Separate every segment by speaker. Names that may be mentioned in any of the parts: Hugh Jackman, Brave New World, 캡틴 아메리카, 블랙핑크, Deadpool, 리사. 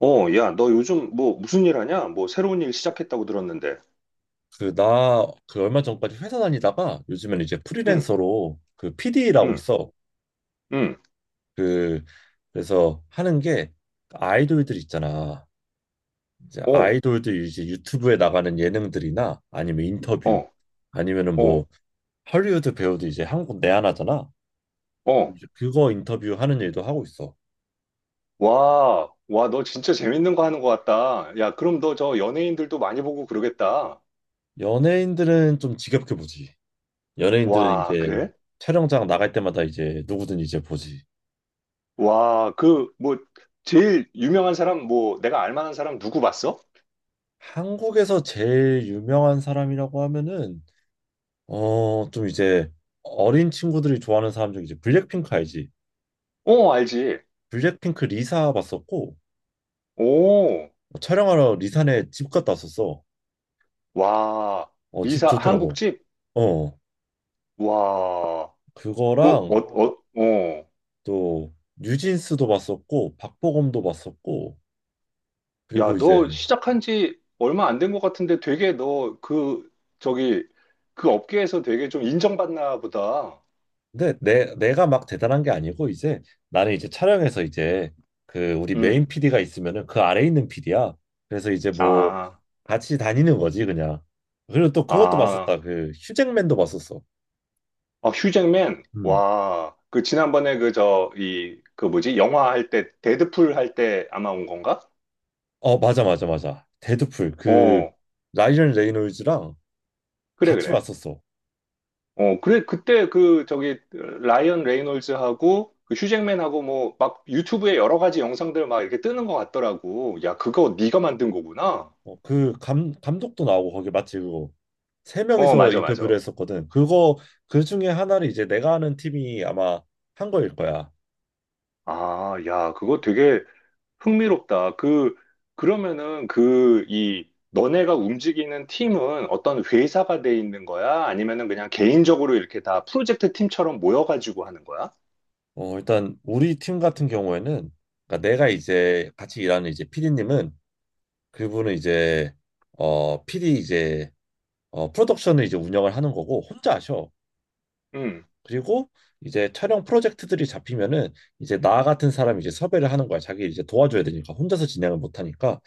Speaker 1: 야, 너 요즘 뭐 무슨 일 하냐? 뭐 새로운 일 시작했다고 들었는데.
Speaker 2: 그, 나, 그 얼마 전까지 회사 다니다가 요즘엔 이제
Speaker 1: 응,
Speaker 2: 프리랜서로 그 PD 라고
Speaker 1: 응,
Speaker 2: 있어.
Speaker 1: 응.
Speaker 2: 그, 그래서 하는 게 아이돌들 있잖아. 이제
Speaker 1: 어,
Speaker 2: 아이돌들 이제 유튜브에 나가는 예능들이나 아니면 인터뷰
Speaker 1: 어,
Speaker 2: 아니면은 뭐
Speaker 1: 어,
Speaker 2: 헐리우드 배우도 이제 한국 내한하잖아.
Speaker 1: 어.
Speaker 2: 이제 그거 인터뷰하는 일도 하고 있어.
Speaker 1: 와, 와, 너 진짜 재밌는 거 하는 것 같다. 야, 그럼 너 저 연예인들도 많이 보고 그러겠다.
Speaker 2: 연예인들은 좀 지겹게 보지. 연예인들은
Speaker 1: 와,
Speaker 2: 이제
Speaker 1: 그래?
Speaker 2: 촬영장 나갈 때마다 이제 누구든 이제 보지.
Speaker 1: 와, 그, 뭐, 제일 유명한 사람, 뭐, 내가 알 만한 사람 누구 봤어?
Speaker 2: 한국에서 제일 유명한 사람이라고 하면은 좀 이제 어린 친구들이 좋아하는 사람 중에 이제 블랙핑크 알지?
Speaker 1: 어, 알지.
Speaker 2: 블랙핑크 리사 봤었고
Speaker 1: 오,
Speaker 2: 어, 촬영하러 리사네 집 갔다 왔었어.
Speaker 1: 와,
Speaker 2: 어, 집
Speaker 1: 미사
Speaker 2: 좋더라고.
Speaker 1: 한국집?
Speaker 2: 어,
Speaker 1: 와, 그 어,
Speaker 2: 그거랑
Speaker 1: 어, 어.
Speaker 2: 또 뉴진스도 봤었고 박보검도 봤었고 그리고
Speaker 1: 야,
Speaker 2: 이제
Speaker 1: 너 시작한 지 얼마 안 된 것 같은데 되게 너 그, 저기, 그 업계에서 되게 좀 인정받나 보다.
Speaker 2: 근데 내 내가 막 대단한 게 아니고 이제 나는 이제 촬영에서 이제 그 우리
Speaker 1: 응.
Speaker 2: 메인 PD가 있으면은 그 아래 있는 PD야. 그래서 이제 뭐
Speaker 1: 아,
Speaker 2: 같이 다니는 거지 그냥. 그리고 또 그것도
Speaker 1: 아,
Speaker 2: 봤었다. 그 휴잭맨도 봤었어.
Speaker 1: 아, 휴잭맨.
Speaker 2: 음.
Speaker 1: 와, 그 지난번에 그 저, 이, 그 뭐지? 영화 할 때, 데드풀 할 때 아마 온 건가?
Speaker 2: 어, 맞아, 맞아, 맞아. 데드풀. 그,
Speaker 1: 어,
Speaker 2: 라이언 레이놀즈랑
Speaker 1: 그래,
Speaker 2: 같이
Speaker 1: 그래.
Speaker 2: 왔었어.
Speaker 1: 어, 그래, 그때 그 저기, 라이언 레이놀즈하고 그 휴잭맨하고 뭐 막 유튜브에 여러 가지 영상들 막 이렇게 뜨는 것 같더라고. 야, 그거 네가 만든 거구나.
Speaker 2: 어, 감독도 나오고, 거기 맞지, 그거. 세
Speaker 1: 어,
Speaker 2: 명이서
Speaker 1: 맞아,
Speaker 2: 인터뷰를
Speaker 1: 맞아.
Speaker 2: 했었거든. 그거, 그 중에 하나를 이제 내가 아는 팀이 아마 한 거일 거야.
Speaker 1: 아, 야, 그거 되게 흥미롭다. 그, 그러면은 그, 이, 너네가 움직이는 팀은 어떤 회사가 돼 있는 거야? 아니면은 그냥 개인적으로 이렇게 다 프로젝트 팀처럼 모여가지고 하는 거야?
Speaker 2: 어, 일단, 우리 팀 같은 경우에는, 그러니까 내가 이제 같이 일하는 이제 PD님은, 그분은 이제, 어, PD 이제, 어, 프로덕션을 이제 운영을 하는 거고, 혼자 하셔.
Speaker 1: 응,
Speaker 2: 그리고 이제 촬영 프로젝트들이 잡히면은 이제 나 같은 사람이 이제 섭외를 하는 거야. 자기 이제 도와줘야 되니까 혼자서 진행을 못 하니까.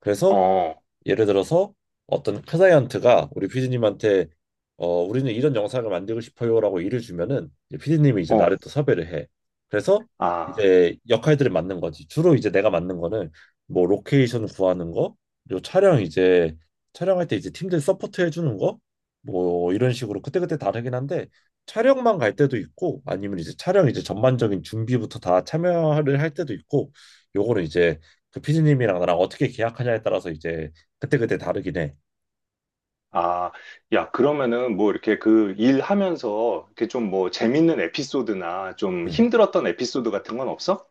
Speaker 2: 그래서
Speaker 1: 어,
Speaker 2: 예를 들어서 어떤 클라이언트가 우리 피디님한테 어, 우리는 이런 영상을 만들고 싶어요라고 일을 주면은 이제 피디님이 이제
Speaker 1: 어,
Speaker 2: 나를 또 섭외를 해. 그래서
Speaker 1: 아,
Speaker 2: 이제 역할들을 맡는 거지. 주로 이제 내가 맡는 거는 뭐 로케이션 구하는 거, 그리고 촬영할 때 이제 팀들 서포트 해주는 거, 뭐 이런 식으로 그때그때 다르긴 한데 촬영만 갈 때도 있고 아니면 이제 촬영 이제 전반적인 준비부터 다 참여를 할 때도 있고 요거는 이제 그 피디님이랑 나랑 어떻게 계약하냐에 따라서 이제 그때그때 다르긴 해.
Speaker 1: 아, 야, 그러면은 뭐 이렇게 그 일하면서 이렇게 좀 뭐 재밌는 에피소드나 좀
Speaker 2: 응.
Speaker 1: 힘들었던 에피소드 같은 건 없어?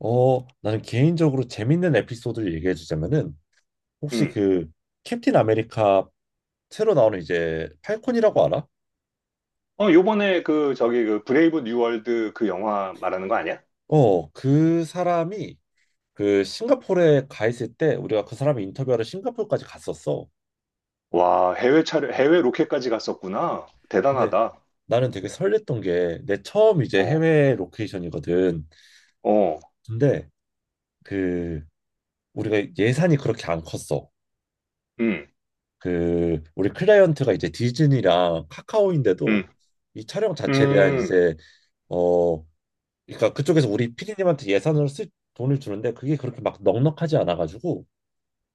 Speaker 2: 어, 나는 개인적으로 재밌는 에피소드를 얘기해 주자면은 혹시
Speaker 1: 응.
Speaker 2: 그 캡틴 아메리카 새로 나오는 이제 팔콘이라고 알아?
Speaker 1: 어, 요번에 그 저기 그 브레이브 뉴 월드 그 영화 말하는 거 아니야?
Speaker 2: 어, 그 사람이 그 싱가포르에 가 있을 때 우리가 그 사람이 인터뷰하러 싱가포르까지 갔었어.
Speaker 1: 와, 해외 차례, 해외 로켓까지 갔었구나.
Speaker 2: 근데
Speaker 1: 대단하다.
Speaker 2: 나는 되게 설렜던 게 내 처음 이제
Speaker 1: 어,
Speaker 2: 해외 로케이션이거든.
Speaker 1: 어,
Speaker 2: 근데 그 우리가 예산이 그렇게 안 컸어.
Speaker 1: 음,
Speaker 2: 그 우리 클라이언트가 이제 디즈니랑 카카오인데도
Speaker 1: 음,
Speaker 2: 이 촬영 자체에 대한
Speaker 1: 음,
Speaker 2: 이제 어 그러니까 그쪽에서 우리 피디님한테 예산을 쓸 돈을 주는데 그게 그렇게 막 넉넉하지 않아가지고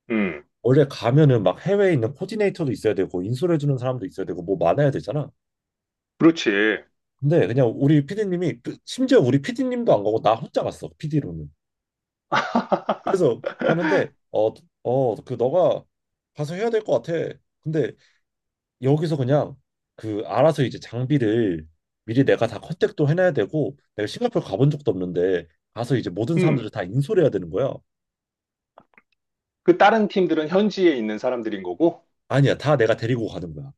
Speaker 1: 음.
Speaker 2: 원래 가면은 막 해외에 있는 코디네이터도 있어야 되고 인솔해 주는 사람도 있어야 되고 뭐 많아야 되잖아.
Speaker 1: 그렇지.
Speaker 2: 근데 그냥 우리 피디님이 심지어 우리 피디님도 안 가고 나 혼자 갔어 피디로는. 그래서 가는데 그 너가 가서 해야 될 것 같아. 근데 여기서 그냥 그 알아서 이제 장비를 미리 내가 다 컨택도 해놔야 되고 내가 싱가포르 가본 적도 없는데 가서 이제 모든
Speaker 1: 음.
Speaker 2: 사람들을 다 인솔해야 되는 거야.
Speaker 1: 그 다른 팀들은 현지에 있는 사람들인 거고,
Speaker 2: 아니야, 다 내가 데리고 가는 거야.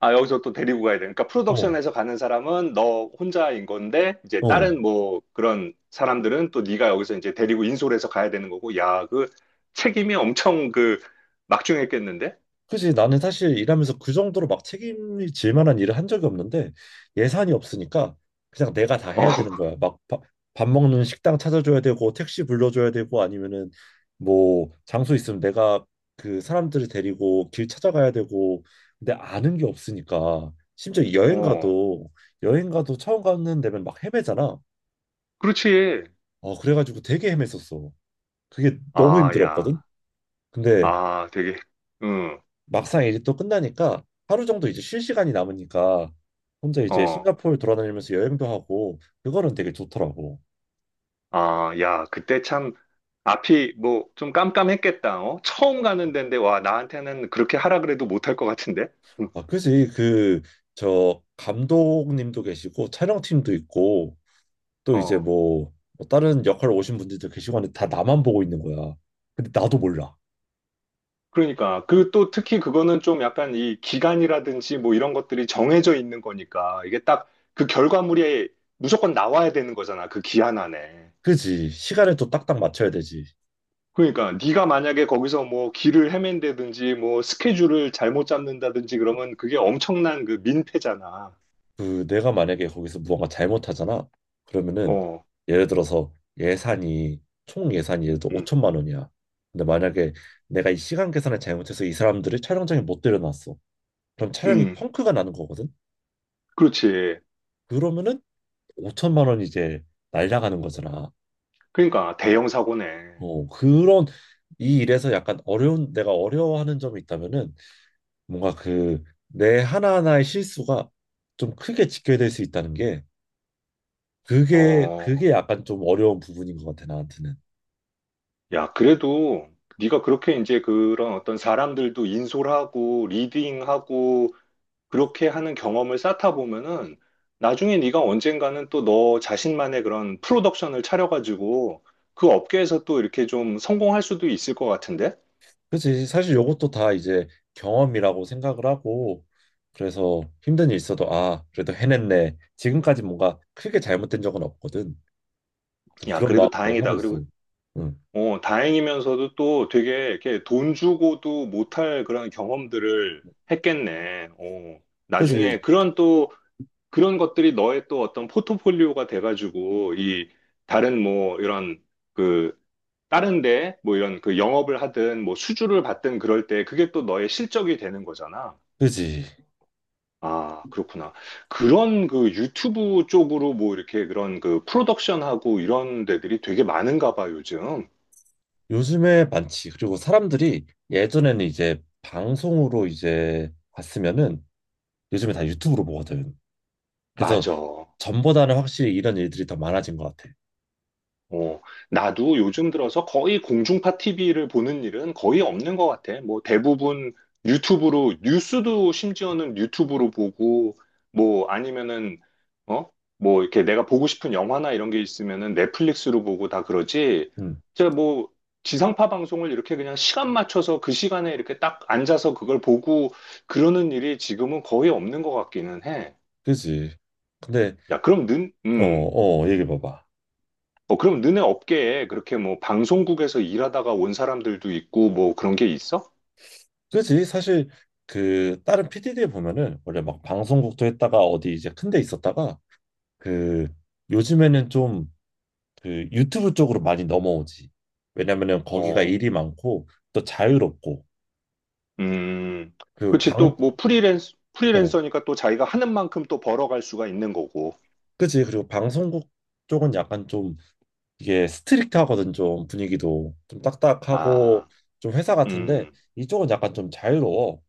Speaker 1: 아, 여기서 또 데리고 가야 돼. 그러니까
Speaker 2: 어,
Speaker 1: 프로덕션에서 가는 사람은 너 혼자인 건데, 이제
Speaker 2: 어.
Speaker 1: 다른 뭐 그런 사람들은 또 네가 여기서 이제 데리고 인솔해서 가야 되는 거고, 야, 그 책임이 엄청 그 막중했겠는데?
Speaker 2: 그지. 나는 사실 일하면서 그 정도로 막 책임이 질 만한 일을 한 적이 없는데 예산이 없으니까 그냥 내가 다
Speaker 1: 어,
Speaker 2: 해야 되는 거야. 막 밥 먹는 식당 찾아줘야 되고 택시 불러줘야 되고 아니면은 뭐 장소 있으면 내가 그 사람들을 데리고 길 찾아가야 되고 근데 아는 게 없으니까 심지어
Speaker 1: 어.
Speaker 2: 여행 가도 처음 가는 데면 막 헤매잖아.
Speaker 1: 그렇지.
Speaker 2: 어 그래가지고 되게 헤맸었어. 그게 너무
Speaker 1: 아,
Speaker 2: 힘들었거든.
Speaker 1: 야.
Speaker 2: 근데
Speaker 1: 아, 되게. 음.
Speaker 2: 막상 이제 또 끝나니까 하루 정도 이제 쉴 시간이 남으니까 혼자 이제
Speaker 1: 어,
Speaker 2: 싱가포르 돌아다니면서 여행도 하고 그거는 되게 좋더라고.
Speaker 1: 아, 야, 그때 참, 앞이 뭐 좀 깜깜했겠다, 어? 처음 가는 데인데, 와, 나한테는 그렇게 하라 그래도 못할 것 같은데? 음,
Speaker 2: 아, 그지. 그 저 감독님도 계시고 촬영팀도 있고 또 이제
Speaker 1: 어,
Speaker 2: 뭐뭐 다른 역할 오신 분들도 계시고 하는데 다 나만 보고 있는 거야. 근데 나도 몰라.
Speaker 1: 그러니까. 그 또 특히 그거는 좀 약간 이 기간이라든지 뭐 이런 것들이 정해져 있는 거니까, 이게 딱 그 결과물이 무조건 나와야 되는 거잖아, 그 기한 안에.
Speaker 2: 그지? 시간을 또 딱딱 맞춰야 되지.
Speaker 1: 그러니까 네가 만약에 거기서 뭐 길을 헤맨다든지 뭐 스케줄을 잘못 잡는다든지 그러면 그게 엄청난 그 민폐잖아.
Speaker 2: 그 내가 만약에 거기서 무언가 잘못하잖아. 그러면은
Speaker 1: 어,
Speaker 2: 예를 들어서 예산이 예를 들어
Speaker 1: 음,
Speaker 2: 5천만 원이야. 근데 만약에 내가 이 시간 계산을 잘못해서 이 사람들을 촬영장에 못 데려놨어. 그럼 촬영이
Speaker 1: 음,
Speaker 2: 펑크가 나는 거거든.
Speaker 1: 그렇지.
Speaker 2: 그러면은 5천만 원이 이제 날라가는 거잖아.
Speaker 1: 그러니까 대형 사고네.
Speaker 2: 어, 그런 이 일에서 약간 어려운 내가 어려워하는 점이 있다면은 뭔가 그 내 하나하나의 실수가 좀 크게 지켜야 될 수 있다는 게 그게
Speaker 1: 어,
Speaker 2: 그게 약간 좀 어려운 부분인 것 같아 나한테는.
Speaker 1: 야, 그래도 네가 그렇게 이제 그런 어떤 사람들도 인솔하고 리딩하고 그렇게 하는 경험을 쌓다 보면은 나중에 네가 언젠가는 또 너 자신만의 그런 프로덕션을 차려가지고 그 업계에서 또 이렇게 좀 성공할 수도 있을 것 같은데?
Speaker 2: 그치. 사실 요것도 다 이제 경험이라고 생각을 하고 그래서 힘든 일 있어도 아 그래도 해냈네. 지금까지 뭔가 크게 잘못된 적은 없거든. 그래서
Speaker 1: 야,
Speaker 2: 그런
Speaker 1: 그래도
Speaker 2: 마음으로 하고
Speaker 1: 다행이다. 그리고
Speaker 2: 있어. 응.
Speaker 1: 어, 다행이면서도 또 되게 이렇게 돈 주고도 못할 그런 경험들을 했겠네. 어, 나중에
Speaker 2: 그지
Speaker 1: 그런 또 그런 것들이 너의 또 어떤 포트폴리오가 돼가지고 이 다른 뭐 이런 그 다른 데 뭐 이런 그 영업을 하든 뭐 수주를 받든 그럴 때 그게 또 너의 실적이 되는 거잖아.
Speaker 2: 그지.
Speaker 1: 아, 그렇구나. 그런 그 유튜브 쪽으로 뭐 이렇게 그런 그 프로덕션하고 이런 데들이 되게 많은가 봐, 요즘.
Speaker 2: 요즘에 많지. 그리고 사람들이 예전에는 이제 방송으로 이제 봤으면은 요즘에 다 유튜브로 보거든. 그래서
Speaker 1: 맞아.
Speaker 2: 전보다는 확실히 이런 일들이 더 많아진 것 같아.
Speaker 1: 어, 나도 요즘 들어서 거의 공중파 TV를 보는 일은 거의 없는 것 같아. 뭐 대부분 유튜브로, 뉴스도 심지어는 유튜브로 보고, 뭐 아니면은, 어? 뭐 이렇게 내가 보고 싶은 영화나 이런 게 있으면은 넷플릭스로 보고 다 그러지.
Speaker 2: 응.
Speaker 1: 진짜 뭐 지상파 방송을 이렇게 그냥 시간 맞춰서 그 시간에 이렇게 딱 앉아서 그걸 보고 그러는 일이 지금은 거의 없는 것 같기는 해.
Speaker 2: 그지. 근데
Speaker 1: 야, 그럼 는,
Speaker 2: 얘기해 봐봐.
Speaker 1: 어, 그럼 너네 업계에 그렇게 뭐 방송국에서 일하다가 온 사람들도 있고 뭐 그런 게 있어?
Speaker 2: 그지? 사실 그 다른 p 디 d 에 보면은 원래 막 방송국도 했다가 어디 이제 큰데 있었다가 그 요즘에는 좀 그 유튜브 쪽으로 많이 넘어오지. 왜냐면은 거기가
Speaker 1: 어,
Speaker 2: 일이 많고 또 자유롭고
Speaker 1: 음,
Speaker 2: 그
Speaker 1: 그렇지.
Speaker 2: 방,
Speaker 1: 또 뭐 프리랜서,
Speaker 2: 어,
Speaker 1: 프리랜서니까 또 자기가 하는 만큼 또 벌어갈 수가 있는 거고.
Speaker 2: 그지? 그리고 방송국 쪽은 약간 좀 이게 스트릭트하거든. 좀 분위기도 좀 딱딱하고
Speaker 1: 아,
Speaker 2: 좀 회사 같은데
Speaker 1: 음,
Speaker 2: 이쪽은 약간 좀 자유로워.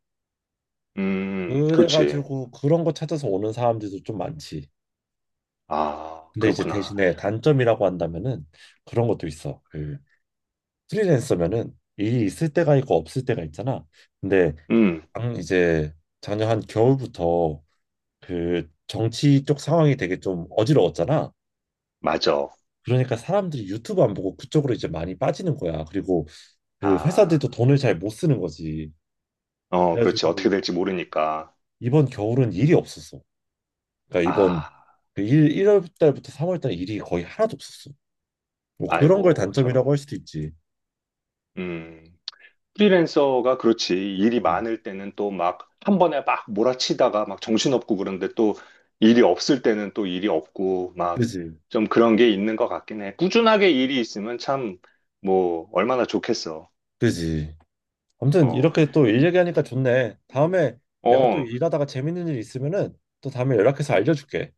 Speaker 1: 그렇지.
Speaker 2: 그래가지고 그런 거 찾아서 오는 사람들도 좀 많지.
Speaker 1: 아,
Speaker 2: 근데 이제
Speaker 1: 그렇구나.
Speaker 2: 대신에 단점이라고 한다면은 그런 것도 있어. 그 프리랜서면은 일이 있을 때가 있고 없을 때가 있잖아. 근데
Speaker 1: 음,
Speaker 2: 이제 작년 한 겨울부터 그 정치 쪽 상황이 되게 좀 어지러웠잖아.
Speaker 1: 맞아.
Speaker 2: 그러니까 사람들이 유튜브 안 보고 그쪽으로 이제 많이 빠지는 거야. 그리고 그
Speaker 1: 아,
Speaker 2: 회사들도 돈을 잘 못 쓰는 거지.
Speaker 1: 어, 그렇지. 어떻게
Speaker 2: 그래가지고
Speaker 1: 될지 모르니까.
Speaker 2: 이번 겨울은 일이 없었어. 그러니까 이번
Speaker 1: 아,
Speaker 2: 1월 달부터 3월 달 일이 거의 하나도 없었어. 뭐 그런 걸
Speaker 1: 아이고,
Speaker 2: 단점이라고
Speaker 1: 저런.
Speaker 2: 할 수도 있지.
Speaker 1: 음 프리랜서가 그렇지. 일이
Speaker 2: 음,
Speaker 1: 많을 때는 또 막 한 번에 막 몰아치다가 막 정신없고 그런데 또 일이 없을 때는 또 일이 없고 막
Speaker 2: 그지.
Speaker 1: 좀 그런 게 있는 것 같긴 해. 꾸준하게 일이 있으면 참 뭐 얼마나 좋겠어.
Speaker 2: 그지. 아무튼
Speaker 1: 어,
Speaker 2: 이렇게 또 일 얘기하니까 좋네. 다음에 내가 또
Speaker 1: 어,
Speaker 2: 일하다가 재밌는 일 있으면은 또 다음에 연락해서 알려줄게.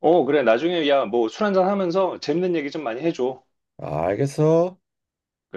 Speaker 1: 어, 그래. 나중에 야, 뭐 술 한잔 하면서 재밌는 얘기 좀 많이 해줘.
Speaker 2: 아, 알겠어.
Speaker 1: 그래.